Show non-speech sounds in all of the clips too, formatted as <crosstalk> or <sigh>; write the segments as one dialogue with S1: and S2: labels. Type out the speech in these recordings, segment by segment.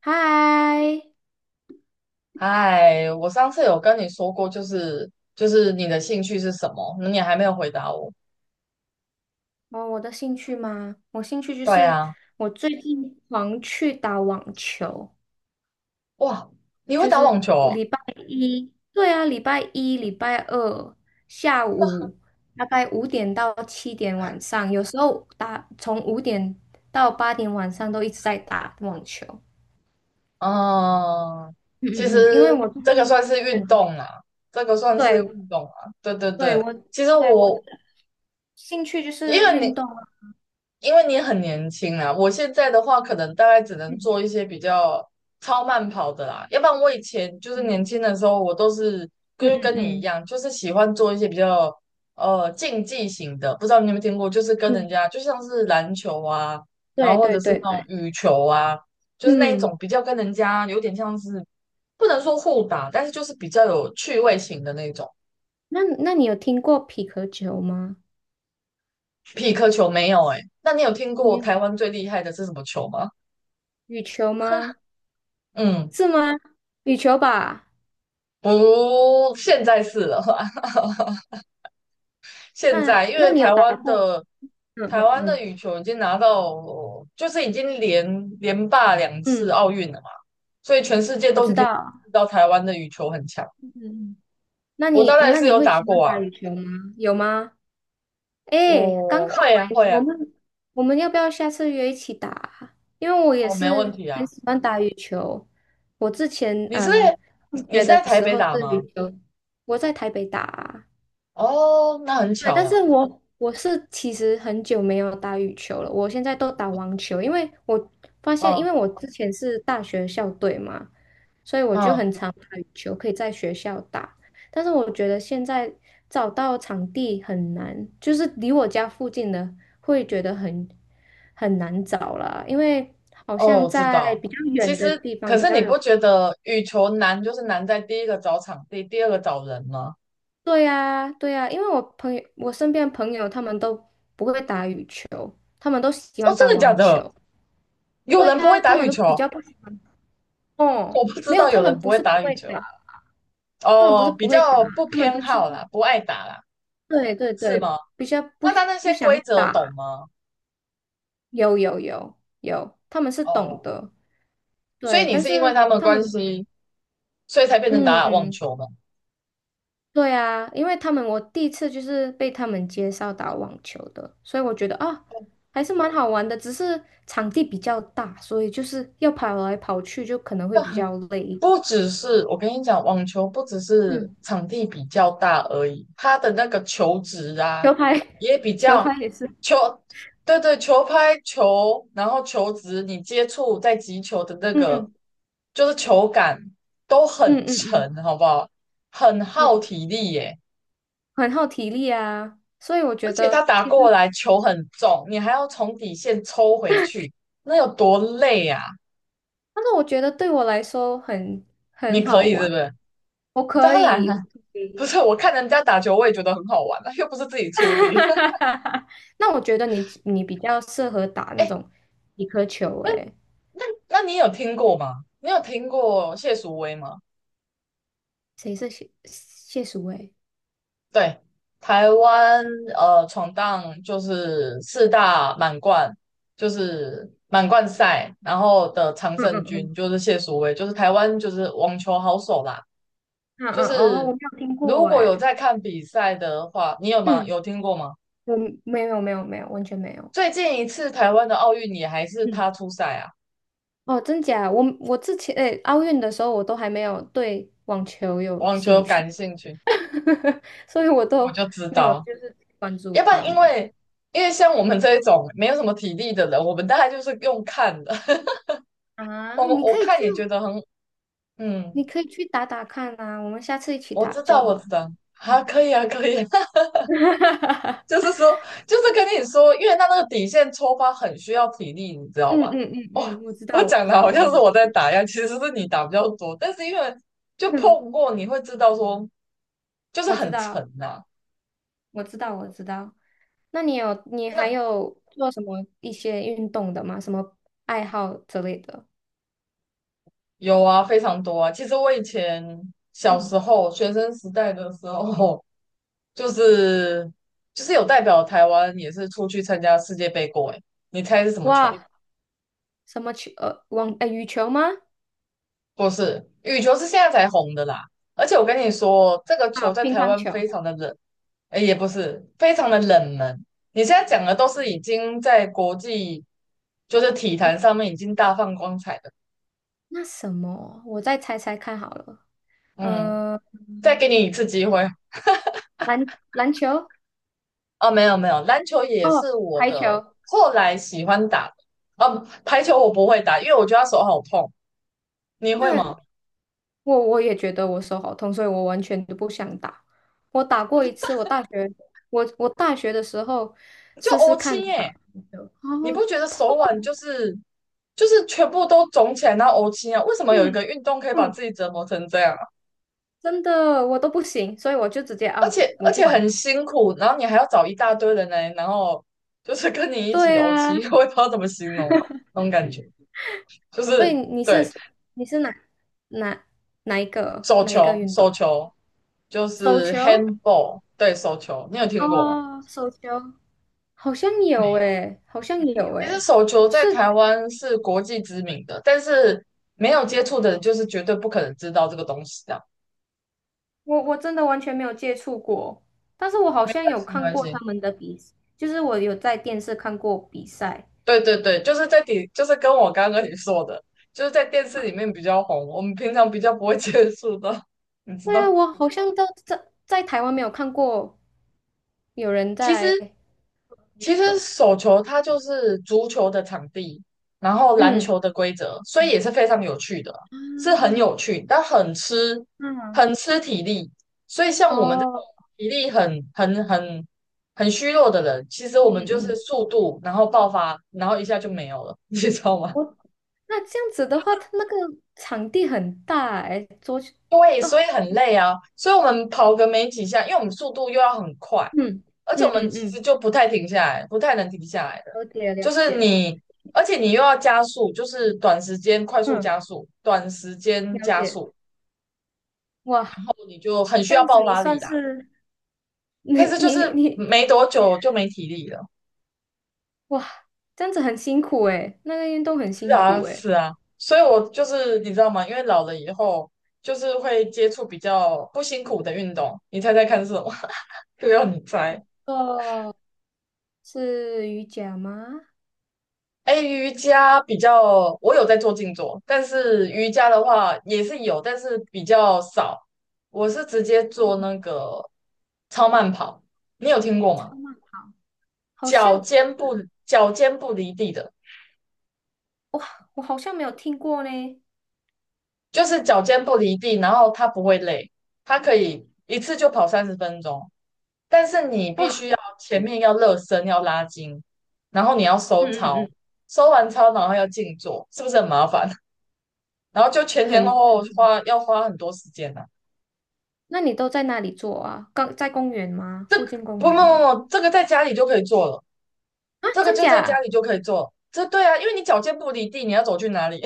S1: 嗨。
S2: 哎，我上次有跟你说过，就是你的兴趣是什么？你还没有回答我。
S1: 哦，我的兴趣吗？我兴趣就
S2: 对
S1: 是。
S2: 啊，
S1: 我最近狂去打网球，
S2: 哇，你会
S1: 就
S2: 打
S1: 是
S2: 网球
S1: 我
S2: 哦？
S1: 礼拜一，对啊，礼拜一、礼拜二下午大概五点到7点晚上，有时候打从五点到8点晚上都一直在打网球。
S2: 嗯，其实
S1: 嗯，因为我最
S2: 这个
S1: 近，
S2: 算是运动啦，这个算是
S1: 对
S2: 运动啊。对对
S1: 对，
S2: 对，其实
S1: 对，我的
S2: 我
S1: 兴趣就
S2: 因
S1: 是
S2: 为
S1: 运
S2: 你。
S1: 动啊。
S2: 因为你很年轻啊，我现在的话可能大概只能
S1: 嗯
S2: 做一些比较超慢跑的啦，要不然我以前就是年
S1: 嗯
S2: 轻的时候，我都是
S1: 嗯
S2: 跟你一
S1: 嗯
S2: 样，就是喜欢做一些比较竞技型的，不知道你有没有听过，就是跟
S1: 嗯，
S2: 人
S1: 嗯，
S2: 家就像是篮球啊，然
S1: 对
S2: 后或
S1: 对
S2: 者是
S1: 对
S2: 那
S1: 对。
S2: 种羽球啊，就是那一种
S1: 嗯，
S2: 比较跟人家有点像是不能说互打，但是就是比较有趣味型的那种。
S1: 那你有听过匹克球吗？
S2: 匹克球没有诶、那你有听
S1: 没
S2: 过
S1: 有，
S2: 台湾最厉害的是什么球吗？
S1: 羽球
S2: <laughs>
S1: 吗？
S2: 嗯。
S1: 是吗？羽球吧？
S2: 不，现在是了啦。<laughs> 现
S1: 那
S2: 在因
S1: 那
S2: 为
S1: 你有打过？<laughs> 嗯
S2: 台
S1: 嗯
S2: 湾的
S1: 嗯
S2: 羽球已经拿到，就是已经连霸2次
S1: 嗯，
S2: 奥运了嘛，所以全世界
S1: 我
S2: 都
S1: 知
S2: 已经认
S1: 道。
S2: 知道台湾的羽球很强。
S1: 嗯嗯，那
S2: 我大
S1: 你
S2: 概
S1: 那
S2: 是
S1: 你
S2: 有
S1: 会
S2: 打
S1: 喜欢
S2: 过啊，
S1: 打羽球吗？有吗？诶，刚
S2: 我
S1: 好
S2: 会啊
S1: 诶，
S2: 会
S1: 我
S2: 啊，
S1: 们我们要不要下次约一起打啊，因为我也
S2: 哦，没问
S1: 是
S2: 题啊。
S1: 很喜欢打羽球。我之前
S2: 你是在
S1: 上
S2: 你
S1: 学
S2: 是在
S1: 的
S2: 台
S1: 时
S2: 北
S1: 候
S2: 打
S1: 是
S2: 吗？
S1: 羽球，我在台北打啊。
S2: 哦，那很
S1: 对，
S2: 巧
S1: 但
S2: 啦。
S1: 是我是其实很久没有打羽球了，我现在都打网球，因为我发现，
S2: 嗯
S1: 因为我之前是大学校队嘛，所以我就
S2: 嗯，
S1: 很常打羽球，可以在学校打。但是我觉得现在找到场地很难，就是离我家附近的会觉得很难找了，因为好
S2: 哦，
S1: 像
S2: 我知
S1: 在
S2: 道。
S1: 比较远
S2: 其
S1: 的
S2: 实，
S1: 地方
S2: 可
S1: 比
S2: 是
S1: 较
S2: 你
S1: 容
S2: 不觉得羽球难就是难在第一个找场地，第二个找人吗？
S1: 对呀，对呀，因为我朋友，我身边的朋友他们都不会打羽球，他们都喜
S2: 哦，
S1: 欢打
S2: 真的假
S1: 网
S2: 的？
S1: 球。
S2: 有
S1: 对
S2: 人不
S1: 呀，
S2: 会
S1: 他
S2: 打
S1: 们
S2: 羽
S1: 都
S2: 球，
S1: 比较不喜欢。
S2: 我
S1: 哦，
S2: 不知
S1: 没有，
S2: 道
S1: 他
S2: 有人
S1: 们
S2: 不
S1: 不
S2: 会
S1: 是不
S2: 打羽
S1: 会打，
S2: 球。
S1: 他们不是
S2: 哦，比
S1: 不会打，
S2: 较不
S1: 他们
S2: 偏
S1: 就是
S2: 好啦，不爱打啦，
S1: 对对
S2: 是
S1: 对，
S2: 吗？
S1: 比较不
S2: 那他那
S1: 不
S2: 些规
S1: 想
S2: 则懂
S1: 打。
S2: 吗？
S1: 有有有有，他们是懂
S2: 哦，
S1: 得。
S2: 所
S1: 对，
S2: 以你
S1: 但
S2: 是因为
S1: 是
S2: 他们的
S1: 他们
S2: 关系，所以才变成打打网
S1: 嗯。
S2: 球吗？
S1: 对啊，因为他们我第一次就是被他们介绍打网球的，所以我觉得啊，
S2: 哦，
S1: 还是蛮好玩的，只是场地比较大，所以就是要跑来跑去，就可能会比较累一点。
S2: 不只是我跟你讲，网球不只是
S1: 嗯，
S2: 场地比较大而已，它的那个球质
S1: <laughs>
S2: 啊
S1: 球拍，
S2: 也比
S1: <laughs> 球
S2: 较
S1: 拍也是。
S2: 球，对对，球拍球，然后球质，你接触在击球的那个
S1: 嗯
S2: 就是球感都
S1: 嗯
S2: 很
S1: 嗯
S2: 沉，
S1: 嗯，
S2: 好不好？很耗
S1: 我
S2: 体力耶，
S1: 很耗体力啊，所以我
S2: 而
S1: 觉
S2: 且它
S1: 得
S2: 打
S1: 其实，
S2: 过来球很重，你还要从底线抽回去，那有多累啊？
S1: 但是我觉得对我来说很
S2: 你
S1: 很
S2: 可
S1: 好
S2: 以是
S1: 玩。
S2: 不是？
S1: 我可
S2: 当然
S1: 以，
S2: 了。
S1: 我可
S2: <laughs> 不
S1: 以
S2: 是，我看人家打球，我也觉得很好玩啊，又不是自己出力。<laughs>
S1: <laughs> 那我觉得你比较适合打那
S2: 哎，
S1: 种几颗球，
S2: 那
S1: 诶。
S2: 那你有听过吗？你有听过谢淑薇吗？
S1: 谁是谢淑薇？
S2: 对，台湾闯荡就是四大满贯，就是满贯赛，然后的常
S1: 嗯
S2: 胜
S1: 嗯
S2: 军
S1: 嗯
S2: 就是谢淑薇，就是台湾就是网球好手啦。
S1: 嗯
S2: 就
S1: 嗯，哦，我
S2: 是
S1: 没有听
S2: 如
S1: 过
S2: 果有
S1: 哎。
S2: 在看比赛的话，你有吗？
S1: 嗯，
S2: 有听过吗？
S1: 我没有没有没有，完全没有。
S2: 最近一次台湾的奥运你还是
S1: 嗯，
S2: 他出赛啊，
S1: 哦，真假？我之前诶，奥运的时候我都还没有对网球有
S2: 网球
S1: 兴趣，
S2: 感兴趣。
S1: <laughs> 所以我都
S2: 我就知
S1: 没有
S2: 道，
S1: 就是关注
S2: 要不然
S1: 他
S2: 因
S1: 们。
S2: 为像我们这一种没有什么体力的人，我们大概就是用看的。<laughs>
S1: 啊，
S2: 我们
S1: 你可
S2: 我
S1: 以
S2: 看
S1: 去，
S2: 也觉得很，嗯，
S1: 你可以去打打看啊，我们下次一起
S2: 我
S1: 打
S2: 知道，
S1: 就
S2: 我知
S1: 好。
S2: 道，啊，
S1: 嗯，
S2: 可以啊，可以啊
S1: <laughs> 嗯
S2: <laughs> 就是说，就是跟你说，因为他那个底线抽发很需要体力，你知道
S1: 嗯
S2: 吧？
S1: 嗯
S2: 哦，
S1: 嗯，我知
S2: 我
S1: 道我
S2: 讲
S1: 知
S2: 的
S1: 道。
S2: 好像是我在打一样，其实是你打比较多，但是因为就
S1: 嗯，
S2: 碰过，你会知道说，就是
S1: 我知
S2: 很沉
S1: 道。
S2: 呐、
S1: 我知道，我知道。那你有，你还
S2: 那
S1: 有做什么一些运动的吗？什么爱好之类的？
S2: 有啊，非常多啊。其实我以前小
S1: 嗯，
S2: 时候学生时代的时候。就是有代表台湾也是出去参加世界杯过诶，你猜是什么球？
S1: 哇，什么球？网，羽球吗？
S2: 不是，羽球是现在才红的啦。而且我跟你说，这个
S1: 啊，
S2: 球在
S1: 乒
S2: 台
S1: 乓
S2: 湾
S1: 球。
S2: 非常的冷，哎也不是非常的冷门。你现在讲的都是已经在国际就是体
S1: 嗯，
S2: 坛上面已经大放光彩的。
S1: 那什么？我再猜猜看好了。
S2: 嗯，
S1: 呃，
S2: 再给你一次机会。
S1: 篮球？
S2: 哦，没有没有，篮球也
S1: 哦，
S2: 是我
S1: 排
S2: 的
S1: 球。
S2: 后来喜欢打的。哦，排球我不会打，因为我觉得它手好痛。你会
S1: 那
S2: 吗？
S1: 我也觉得我手好痛，所以我完全都不想打。我打过一次，我大学的时候
S2: 就
S1: 试试
S2: 欧
S1: 看
S2: 青
S1: 打
S2: 耶，
S1: 排球。好，
S2: 你不觉得手腕就是全部都肿起来，然后欧青啊？为什么有一个
S1: 嗯
S2: 运动可以把自
S1: 嗯，
S2: 己折磨成这样啊？
S1: 真的我都不行，所以我就直接啊，不，我
S2: 而
S1: 不
S2: 且
S1: 玩
S2: 很
S1: 了。
S2: 辛苦，然后你还要找一大堆人来，然后就是跟你一起
S1: 对
S2: 欧青，
S1: 啊，
S2: <laughs> 我也不知道怎么形容那种感觉，就
S1: 所以
S2: 是
S1: 你是
S2: 对
S1: 你是哪哪一个
S2: 手
S1: 哪一个
S2: 球
S1: 运动？
S2: 就
S1: 手
S2: 是
S1: 球？
S2: handball，对手球，你有听过吗？
S1: 哦，手球好像
S2: 没
S1: 有
S2: 有。
S1: 诶，好像有诶。
S2: 手球
S1: 就
S2: 在
S1: 是
S2: 台湾是国际知名的，但是没有接触的人就是绝对不可能知道这个东西的。
S1: 我真的完全没有接触过，但是我好
S2: 没关
S1: 像有
S2: 系，没
S1: 看
S2: 关
S1: 过他
S2: 系。
S1: 们的比，就是我有在电视看过比赛。
S2: 对对对，就是在底，就是跟我刚刚跟你说的，就是在电视里面比较红，我们平常比较不会 <laughs> 接触到，<laughs> 你知
S1: 对啊，
S2: 道。
S1: 我好像都在台湾没有看过有人
S2: 其
S1: 在
S2: 实其
S1: 运
S2: 实
S1: 动。
S2: 手球它就是足球的场地，然后篮
S1: 嗯
S2: 球的规则，所以
S1: 嗯。
S2: 也是非常有趣的，是很
S1: 啊，
S2: 有趣，但很吃
S1: 嗯，
S2: 体力。所以像我们这种
S1: 哦，
S2: 体力很虚弱的人，其实我
S1: 嗯
S2: 们就是
S1: 嗯
S2: 速度，然后爆发，然后一下就
S1: 嗯，
S2: 没有了，<laughs> 你知道吗？
S1: 我那这样子的话，它那个场地很大哎，桌球
S2: 对，
S1: 都。
S2: 所以很累啊。所以我们跑个没几下，因为我们速度又要很快，
S1: 嗯
S2: 而且我
S1: 嗯
S2: 们
S1: 嗯
S2: 其
S1: 嗯，
S2: 实就不太停下来，不太能停下来的。
S1: 了解了
S2: 就是
S1: 解。
S2: 你，而且你又要加速，就是短时间快速
S1: 嗯，
S2: 加速，短时间
S1: 了
S2: 加
S1: 解。
S2: 速，然
S1: 哇，
S2: 后你就很需
S1: 这
S2: 要
S1: 样子
S2: 爆
S1: 你
S2: 发力
S1: 算
S2: 啦。
S1: 是你
S2: 但是就
S1: 你
S2: 是
S1: 你，
S2: 没多久就没体力了。
S1: 哇，这样子很辛苦哎，那个运动很
S2: 是
S1: 辛
S2: 啊，
S1: 苦哎。
S2: 是啊。所以我就是你知道吗？因为老了以后，就是会接触比较不辛苦的运动。你猜猜看是什么？<laughs> 又要你猜。
S1: 哦，是瑜伽吗？
S2: 哎，瑜伽比较，我有在做静坐，但是瑜伽的话也是有，但是比较少。我是直接做那个超慢跑，你有听过吗？
S1: 超慢跑，好
S2: 脚
S1: 像。
S2: 尖不脚尖不离地的，
S1: 哇，我好像没有听过呢。
S2: 就是脚尖不离地，然后它不会累，它可以一次就跑三十分钟，但是你必
S1: 哇，
S2: 须要前面要热身，要拉筋，然后你要
S1: 嗯
S2: 收
S1: 嗯
S2: 操，
S1: 嗯，
S2: 收完操然后要静坐，是不是很麻烦？然后就前前后
S1: 很
S2: 后花要花很多时间呢、
S1: 那你都在哪里做啊？刚在公园吗？附近公
S2: 不不
S1: 园吗？
S2: 不不，这个在家里就可以做了，
S1: 啊，
S2: 这个
S1: 真
S2: 就在家
S1: 假？
S2: 里就可以做了。这对啊，因为你脚尖不离地，你要走去哪里？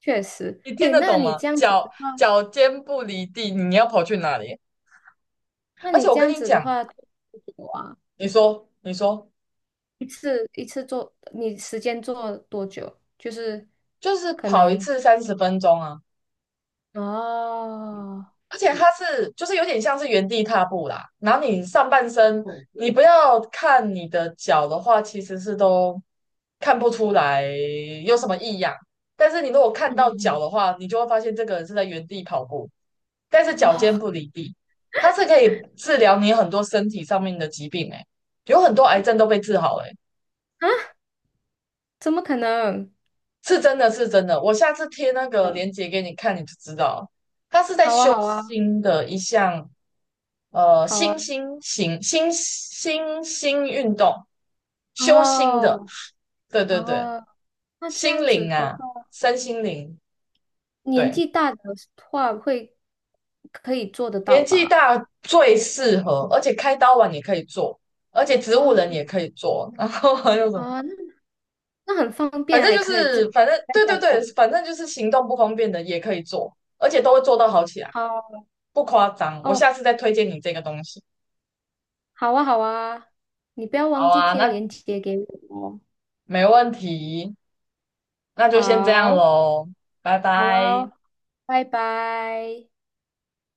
S1: 确实。
S2: <laughs> 你听
S1: 诶，
S2: 得
S1: 那
S2: 懂
S1: 你
S2: 吗？
S1: 这样子的话，
S2: 脚尖不离地，你要跑去哪里？
S1: 那
S2: 而
S1: 你
S2: 且我
S1: 这
S2: 跟
S1: 样
S2: 你
S1: 子的
S2: 讲，
S1: 话，多久啊？
S2: 你说你说，
S1: 一次一次做，你时间做多久？就是
S2: 就是
S1: 可
S2: 跑一
S1: 能。
S2: 次三十分钟啊。
S1: 哦，
S2: 而且它是就是有点像是原地踏步啦，然后你上半身你不要看你的脚的话，其实是都看不出来有什么
S1: 嗯
S2: 异样。但是你如果看
S1: 嗯
S2: 到脚的
S1: 嗯
S2: 话，你就会发现这个人是在原地跑步，但是
S1: 嗯，
S2: 脚尖
S1: 哦，
S2: 不离地。它是可以治疗你很多身体上面的疾病、欸，诶有很多癌症都被治好了、欸，
S1: 啊，怎么可能？
S2: 是真的是真的。我下次贴那个
S1: 嗯，
S2: 链接给你看，你就知道了它是在
S1: 好啊
S2: 修
S1: 好啊
S2: 心的一项。
S1: 好啊。
S2: 新兴运动，修心的，
S1: 哦
S2: 对对对，
S1: 哦，那这
S2: 心
S1: 样子
S2: 灵
S1: 的
S2: 啊，
S1: 话，
S2: 身心灵，
S1: 年
S2: 对，
S1: 纪大的话会可以做得
S2: 年
S1: 到
S2: 纪
S1: 吧？
S2: 大最适合，而且开刀完也可以做，而且植物人
S1: 哦。
S2: 也可以做，然后还有什么，
S1: 啊，那很方便，还可以这
S2: 反正
S1: 在
S2: 对
S1: 家
S2: 对
S1: 做。
S2: 对，反正就是行动不方便的也可以做，而且都会做到好起来，
S1: 好
S2: 不夸张。我下
S1: 哦，
S2: 次再推荐你这个东西。
S1: 好啊，好啊，你不要忘
S2: 好
S1: 记
S2: 啊，
S1: 贴
S2: 那
S1: 链接给我哦。
S2: 没问题，那就先这样
S1: 好，
S2: 喽，拜
S1: 好啊，
S2: 拜。
S1: 哦，拜拜。